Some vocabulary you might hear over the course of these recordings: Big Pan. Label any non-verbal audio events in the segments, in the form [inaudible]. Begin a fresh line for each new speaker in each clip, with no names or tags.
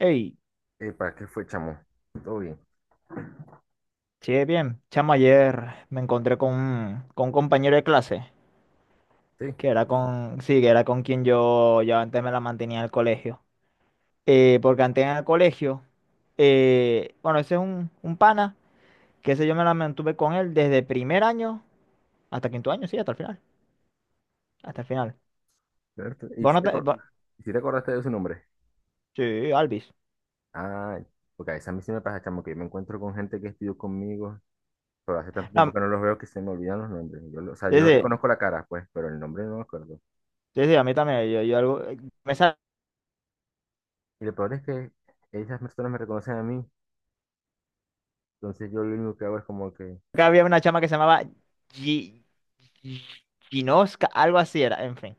Hey,
¿Para qué fue, chamo? Todo bien.
sí, bien. Chamo, ayer me encontré con un compañero de clase,
Sí.
que era con, sí, que era con quien yo antes me la mantenía en el colegio. Porque antes en el colegio, bueno, ese es un pana, que ese yo me la mantuve con él desde primer año hasta quinto año, sí, hasta el final. Hasta el final.
Roberto,
Vos no te- vos-
¿Y si te acordaste de su nombre?
sí, Alvis.
Ah, porque a veces a mí sí me pasa, chamo, que yo me encuentro con gente que estudió conmigo, pero hace tanto tiempo
No,
que no los veo que se me olvidan los nombres. O sea,
sí,
yo
sí,
reconozco la cara, pues, pero el nombre no me acuerdo.
sí, sí, a mí también. Yo algo, me sa-
Y lo peor es que esas personas me reconocen a mí, entonces yo lo único que hago es como que.
acá había una chama que se llamaba Gi- Gi- Ginoska, algo así era, en fin.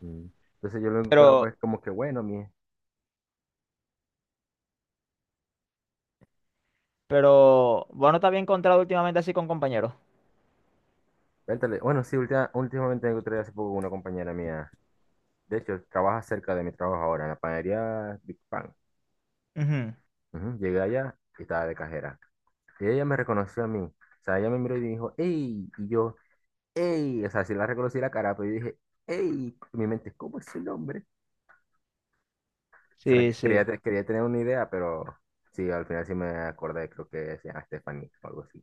Mm. Entonces yo lo único que hago es como que, bueno, mi.
Pero bueno, te había encontrado últimamente así con compañeros.
Vértale. Bueno, sí, últimamente me encontré hace poco con una compañera mía. De hecho, trabaja cerca de mi trabajo ahora, en la panadería Big Pan.
Ujú.
Ujú. Llegué allá y estaba de cajera. Y ella me reconoció a mí. O sea, ella me miró y dijo, ¡Ey! Y yo, ¡Ey! O sea, sí la reconocí la cara, pero yo dije, ¡Ey! En mi mente, ¿cómo es el nombre? O sea,
Sí, sí.
quería tener una idea, pero sí, al final sí me acordé, creo que se Stephanie o algo así.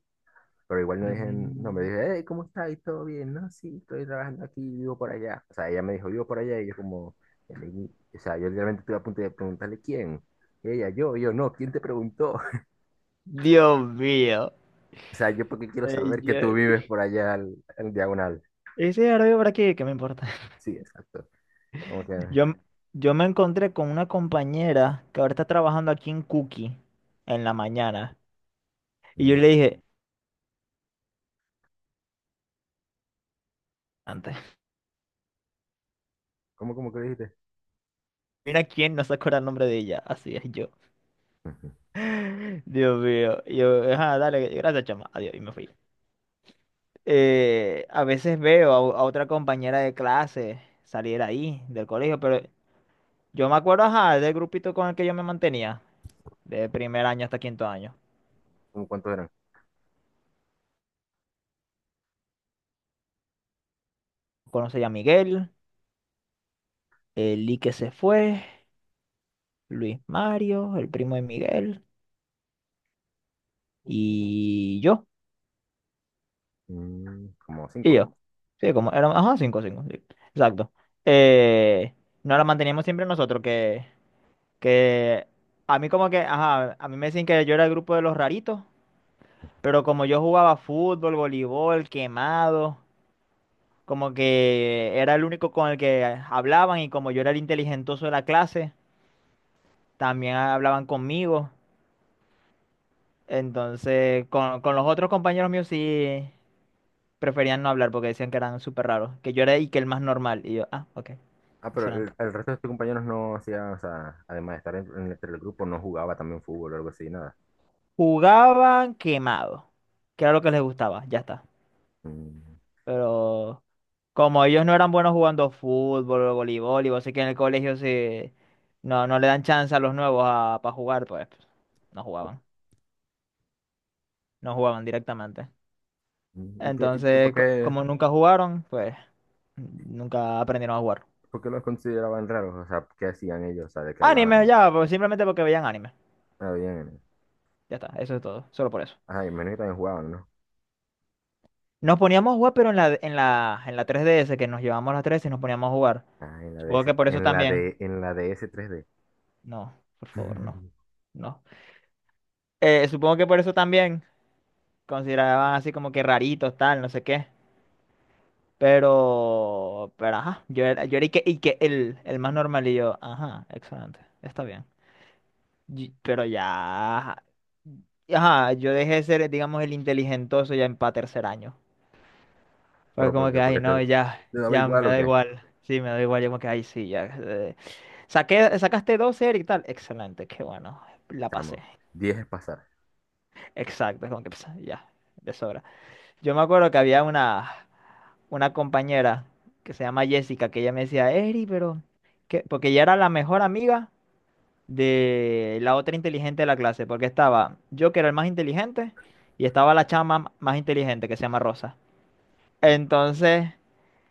Pero igual no dije el nombre,
Mm.
dije, ¡Hey! ¿Cómo estás? ¿Y todo bien? No, sí, estoy trabajando aquí, vivo por allá. O sea, ella me dijo, vivo por allá, y yo como, o sea, yo literalmente estuve a punto de preguntarle quién. Y ella, yo, y yo, no, ¿quién te preguntó?
Dios mío.
O sea, yo porque quiero saber que tú
Señor.
vives por allá al diagonal.
Ese ahora vivo por aquí, ¿qué me importa?
Sí, exacto. Como que.
[laughs] Yo, m- yo me encontré con una compañera que ahora está trabajando aquí en Cookie en la mañana. Y yo
mm,
le dije, antes,
¿cómo que dijiste?
mira quién no se acuerda el nombre de ella. Así es yo.
Ujú.
[laughs] Dios mío. Y yo, ajá, dale, gracias, chama. Adiós. Y me fui. A veces veo a otra compañera de clase salir ahí del colegio, pero yo me acuerdo, ajá, del grupito con el que yo me mantenía, de primer año hasta quinto año.
¿Cómo cuántos eran?
Conocí a Miguel, el Lee que se fue, Luis Mario, el primo de Miguel, y yo,
Mm. Como
y
cinco.
yo. Sí, como éramos, ajá, cinco, cinco, sí. Exacto. Eh, Nos la manteníamos siempre nosotros, que a mí como que, ajá, a mí me decían que yo era el grupo de los raritos, pero como yo jugaba fútbol, voleibol, quemado. Como que era el único con el que hablaban y como yo era el inteligentoso de la clase, también hablaban conmigo. Entonces, con los otros compañeros míos sí preferían no hablar porque decían que eran súper raros, que yo era y que el más normal. Y yo, ah, ok,
Ah, pero
excelente.
el resto de tus compañeros no hacían, o sea, además de estar en el grupo, no jugaba también fútbol o algo así, nada.
Jugaban quemado, que era lo que les gustaba, ya está.
Mm,
Pero como ellos no eran buenos jugando fútbol o voleibol, y vos sé que en el colegio se, no, no le dan chance a los nuevos para jugar, pues no jugaban. No jugaban directamente.
mm, y por
Entonces,
qué,
como nunca jugaron, pues nunca aprendieron a jugar.
por qué los consideraban raros? O sea, ¿qué hacían ellos? O sea, ¿de qué
Anime,
hablaban?
ya, pues simplemente porque veían anime.
Ah, bien.
Ya está, eso es todo, solo por eso.
Ah, y menos que también jugaban, ¿no?
Nos poníamos a jugar, pero en la 3DS, que nos llevamos las 3 y nos poníamos a jugar.
Ah, en la
Supongo
DS,
que por eso
en la
también.
de, en la DS 3D.
No, por favor, no,
[laughs]
no. Supongo que por eso también consideraban así como que raritos, tal, no sé qué. Pero ajá, yo era y que el más normal y yo, ajá, excelente, está bien. Pero ya, ajá, yo dejé de ser, digamos, el inteligentoso ya en pa' tercer año. Fue
Pero
como que,
porque,
ay,
porque te,
no, ya,
te daba
ya
igual
me
o
da
qué,
igual. Sí, me da igual, yo como que, ay, sí, ya. Sacaste 12 Eric, tal. Excelente, qué bueno, la pasé.
chamo. 10 es pasar.
Exacto, es como que, pues, ya, de sobra. Yo me acuerdo que había una compañera que se llama Jessica, que ella me decía, Eri, pero, ¿qué? Porque ella era la mejor amiga de la otra inteligente de la clase, porque estaba yo que era el más inteligente y estaba la chama más inteligente que se llama Rosa. Entonces,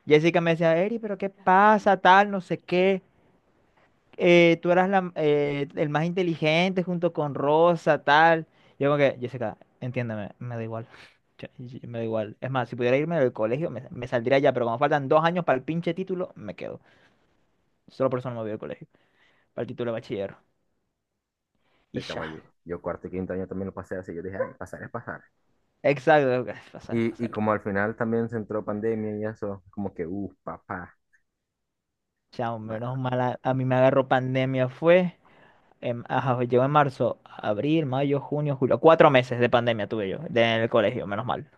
Jessica me decía, Eri, pero ¿qué pasa? Tal, no sé qué. Tú eras la- el más inteligente junto con Rosa, tal. Yo como que, Jessica, entiéndeme, me da igual. [laughs] Me da igual. Es más, si pudiera irme del colegio, me saldría ya, pero como faltan 2 años para el pinche título, me quedo. Solo por eso no me voy al colegio, para el título de bachiller. Y
Este chamo, yo,
ya.
yo cuarto y quinto año también lo pasé así. Yo dije, "Ay, pasar es pasar."
Exacto, [laughs] pasar,
Y
pasar.
como al final también se entró pandemia y eso, como que, papá.
Chao, menos
Bueno.
mal, a mí me agarró pandemia, fue, en, ajá, llegó en marzo, abril, mayo, junio, julio, 4 meses de pandemia tuve yo de- en el colegio, menos mal.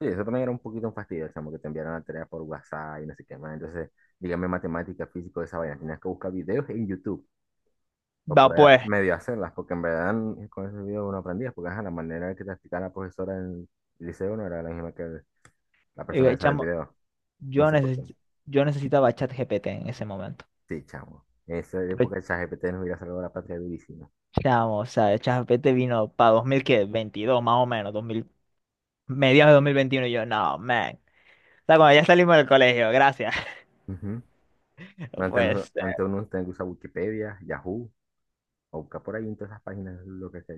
Sí, eso también era un poquito un fastidio, chamo, que te enviaron la tarea por WhatsApp y no sé qué más. Entonces, dígame matemática, físico, esa vaina. Tenías que buscar videos en YouTube para
Va
poder
pues,
medio hacerlas, porque en verdad con esos videos uno aprendía, porque ajá, la manera que te explicaba la profesora en el liceo no era la misma que la persona esa del
chamo,
video. No
yo,
sé por.
neces- yo necesitaba ChatGPT en ese momento.
Sí, chamo. Esa
Pero,
época de ChatGPT nos hubiera salvado la patria durísima.
chamo, o sea, ChatGPT vino para 2022, más o menos, 2000, mediados de 2021, y yo, no, man. O sea, cuando ya salimos del colegio, gracias. [laughs]
Ujú. Antes, no-
Pues,
Antes uno tenía que usar Wikipedia, Yahoo, o buscar por ahí en todas esas páginas lo que sea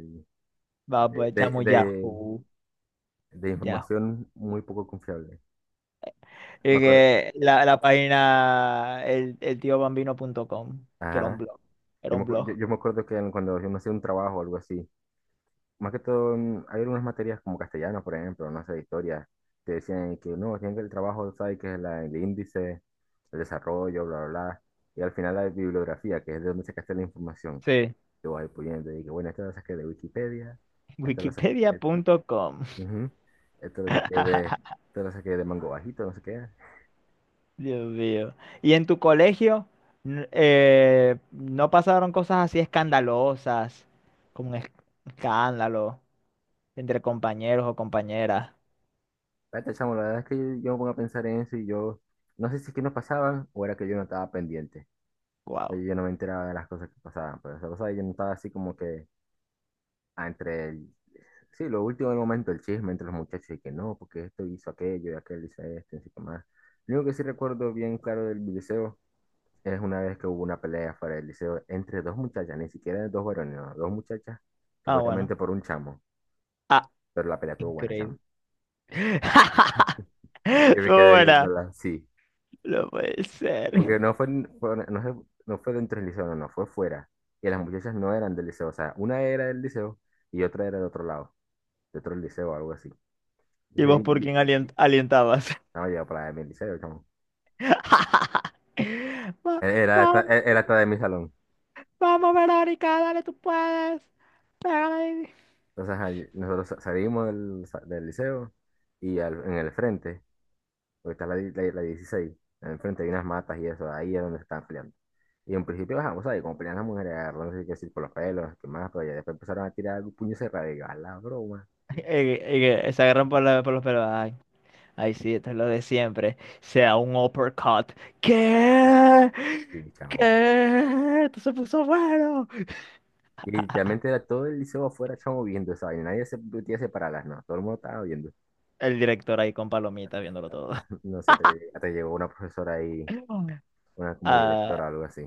va pues, chamo,
de, de,
Yahoo,
de
Yahoo.
información muy poco confiable. Me
Y
acuerdo,
que la página eltiobambino.com, que era un
ajá.
blog. Era
Yo me,
un
acu- yo,
blog.
yo me acuerdo que cuando yo no hacía un trabajo o algo así, más que todo, hay algunas materias como castellano, por ejemplo, no sé, historia, que decían que no, tienen que el trabajo, ¿sabes? Que es el índice, el desarrollo, bla, bla, bla. Y al final la bibliografía, que es de donde se sacaste la información.
Sí.
Yo voy poniendo, y que bueno, esto lo saqué de Wikipedia, esto lo saqué,
Wikipedia.com.
ujú, esto lo saqué de,
[laughs]
esto lo saqué de Mango Bajito, no sé qué.
Dios mío. ¿Y en tu colegio no pasaron cosas así escandalosas, como un escándalo entre compañeros o compañeras?
Espérate, chamo, la verdad es que yo me pongo a pensar en eso y yo, no sé si es que no pasaban o era que yo no estaba pendiente. Pero
Wow.
yo no me enteraba de las cosas que pasaban, pero esa cosa yo no estaba así como que entre el, sí, lo último del momento, el chisme entre los muchachos y que no, porque esto hizo aquello y aquel hizo esto, y así que más. Lo único que sí recuerdo bien claro del video es una vez que hubo una pelea fuera del liceo entre dos muchachas, ni siquiera dos varones, no, dos muchachas,
Ah, bueno.
supuestamente por un chamo,
Ah,
pero la pelea estuvo buena, chamo.
increíble. [laughs]
[laughs] Yo me
Estuvo
quedé
buena.
viéndola, sí,
No puede ser.
porque fue- no, sé- no fue dentro del liceo, no, no, fue fuera. Y las muchachas no eran del liceo, o sea, una era del liceo y otra era de otro lado, de otro liceo o algo así.
¿Y
Entonces,
vos por quién alientabas?
estaba yo para mi liceo, chamo.
[laughs] Va-
E, Era hasta,
va-
era hasta de mi salón.
vamos, Verónica, dale, tú puedes. Pégale.
Entonces, ahí nosotros salimos del liceo y en el frente. Porque está la 16. Enfrente hay unas matas y eso. Ahí es donde se están peleando. Y en principio, ajá, vos sabés, como pelean las mujeres, agarrándose que decir por los pelos, que más, pero ya después empezaron a tirar puño cerrado. Y yo, a la broma.
Y que se agarran por los pelos. Ay, ay, sí, esto es lo de siempre. Sea un uppercut. ¿Qué?
Y chamo.
¿Qué? Esto se puso bueno.
Y literalmente era todo el liceo afuera, chamo, viendo esa vaina. Nadie se metía a separarlas, no. Todo el mundo estaba viendo.
El director ahí con palomitas viéndolo todo.
[laughs] No sé, hasta llegó una profesora ahí,
[laughs]
una como
Ah,
directora o algo así,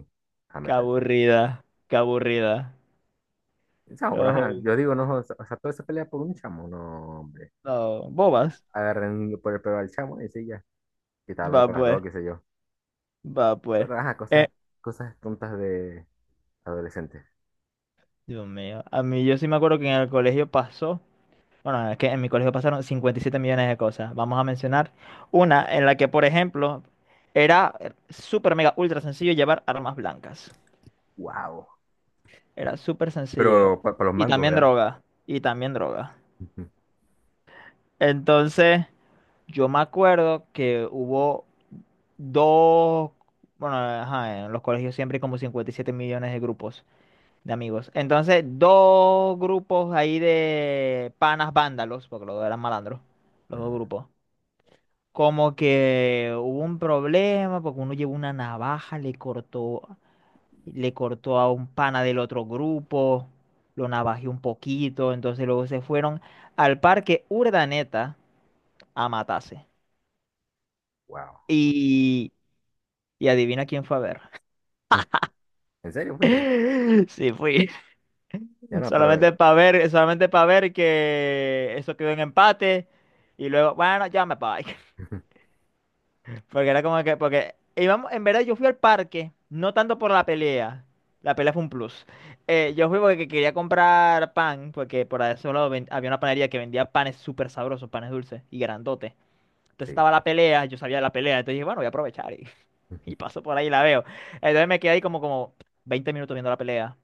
a
qué
meterse.
aburrida, qué aburrida.
Chamo, pero ajá,
No,
yo digo, no, o sea, toda esa pelea por un chamo, no, hombre.
no, bobas.
Agarren por el pelo al chamo y sí, ya. Que estaba hablando
Va
con las
pues,
dos, qué sé yo.
va pues.
Ajá,
Eh,
cosas tontas de adolescentes.
Dios mío, a mí yo sí me acuerdo que en el colegio pasó. Bueno, es que en mi colegio pasaron 57 millones de cosas. Vamos a mencionar una en la que, por ejemplo, era súper mega ultra sencillo llevar armas blancas.
Wow.
Era súper sencillo.
Pero para los
Y
mangos,
también
¿verdad?
droga. Y también droga.
Ujú.
Entonces, yo me acuerdo que hubo dos, bueno, ajá, en los colegios siempre hay como 57 millones de grupos de amigos. Entonces, dos grupos ahí de panas vándalos, porque los dos eran malandros, los dos
Mm,
grupos. Como que hubo un problema porque uno llevó una navaja, le cortó a un pana del otro grupo, lo navajeó un poquito, entonces luego se fueron al parque Urdaneta a matarse.
wow.
Y, y adivina quién fue a ver.
Mm, ¿en serio, fuiste?
[laughs] Sí, fui.
Ya no, pero.
Solamente para ver que eso quedó en empate. Y luego, bueno, ya me voy.
Ujú,
Porque era como que, porque íbamos, en verdad yo fui al parque, no tanto por la pelea fue un plus. Yo fui porque quería comprar pan, porque por ahí había una panadería que vendía panes súper sabrosos, panes dulces y grandotes. Entonces
sí.
estaba la pelea, yo sabía de la pelea, entonces dije, bueno, voy a aprovechar y, [laughs]
Ujú.
y paso por ahí y la veo. Entonces me quedé ahí como, como 20 minutos viendo la pelea.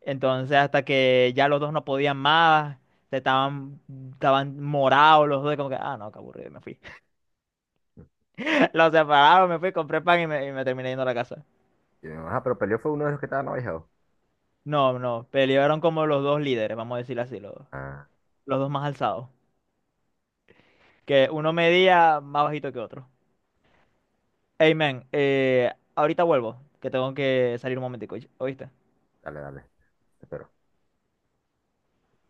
Entonces hasta que ya los dos no podían más, estaban, estaban morados los dos, como que, ah, no, qué aburrido, y me fui. Los separaron, me fui, compré pan y y me terminé yendo a la casa.
Y me dijo, ah, pero peleó fue uno de los que estaban abajo.
No, no, pelearon como los dos líderes, vamos a decirlo así,
Ah,
los dos más alzados. Que uno medía más bajito que otro. Hey, man, ahorita vuelvo, que tengo que salir un momentico, ¿oíste?
dale, dale. Te espero.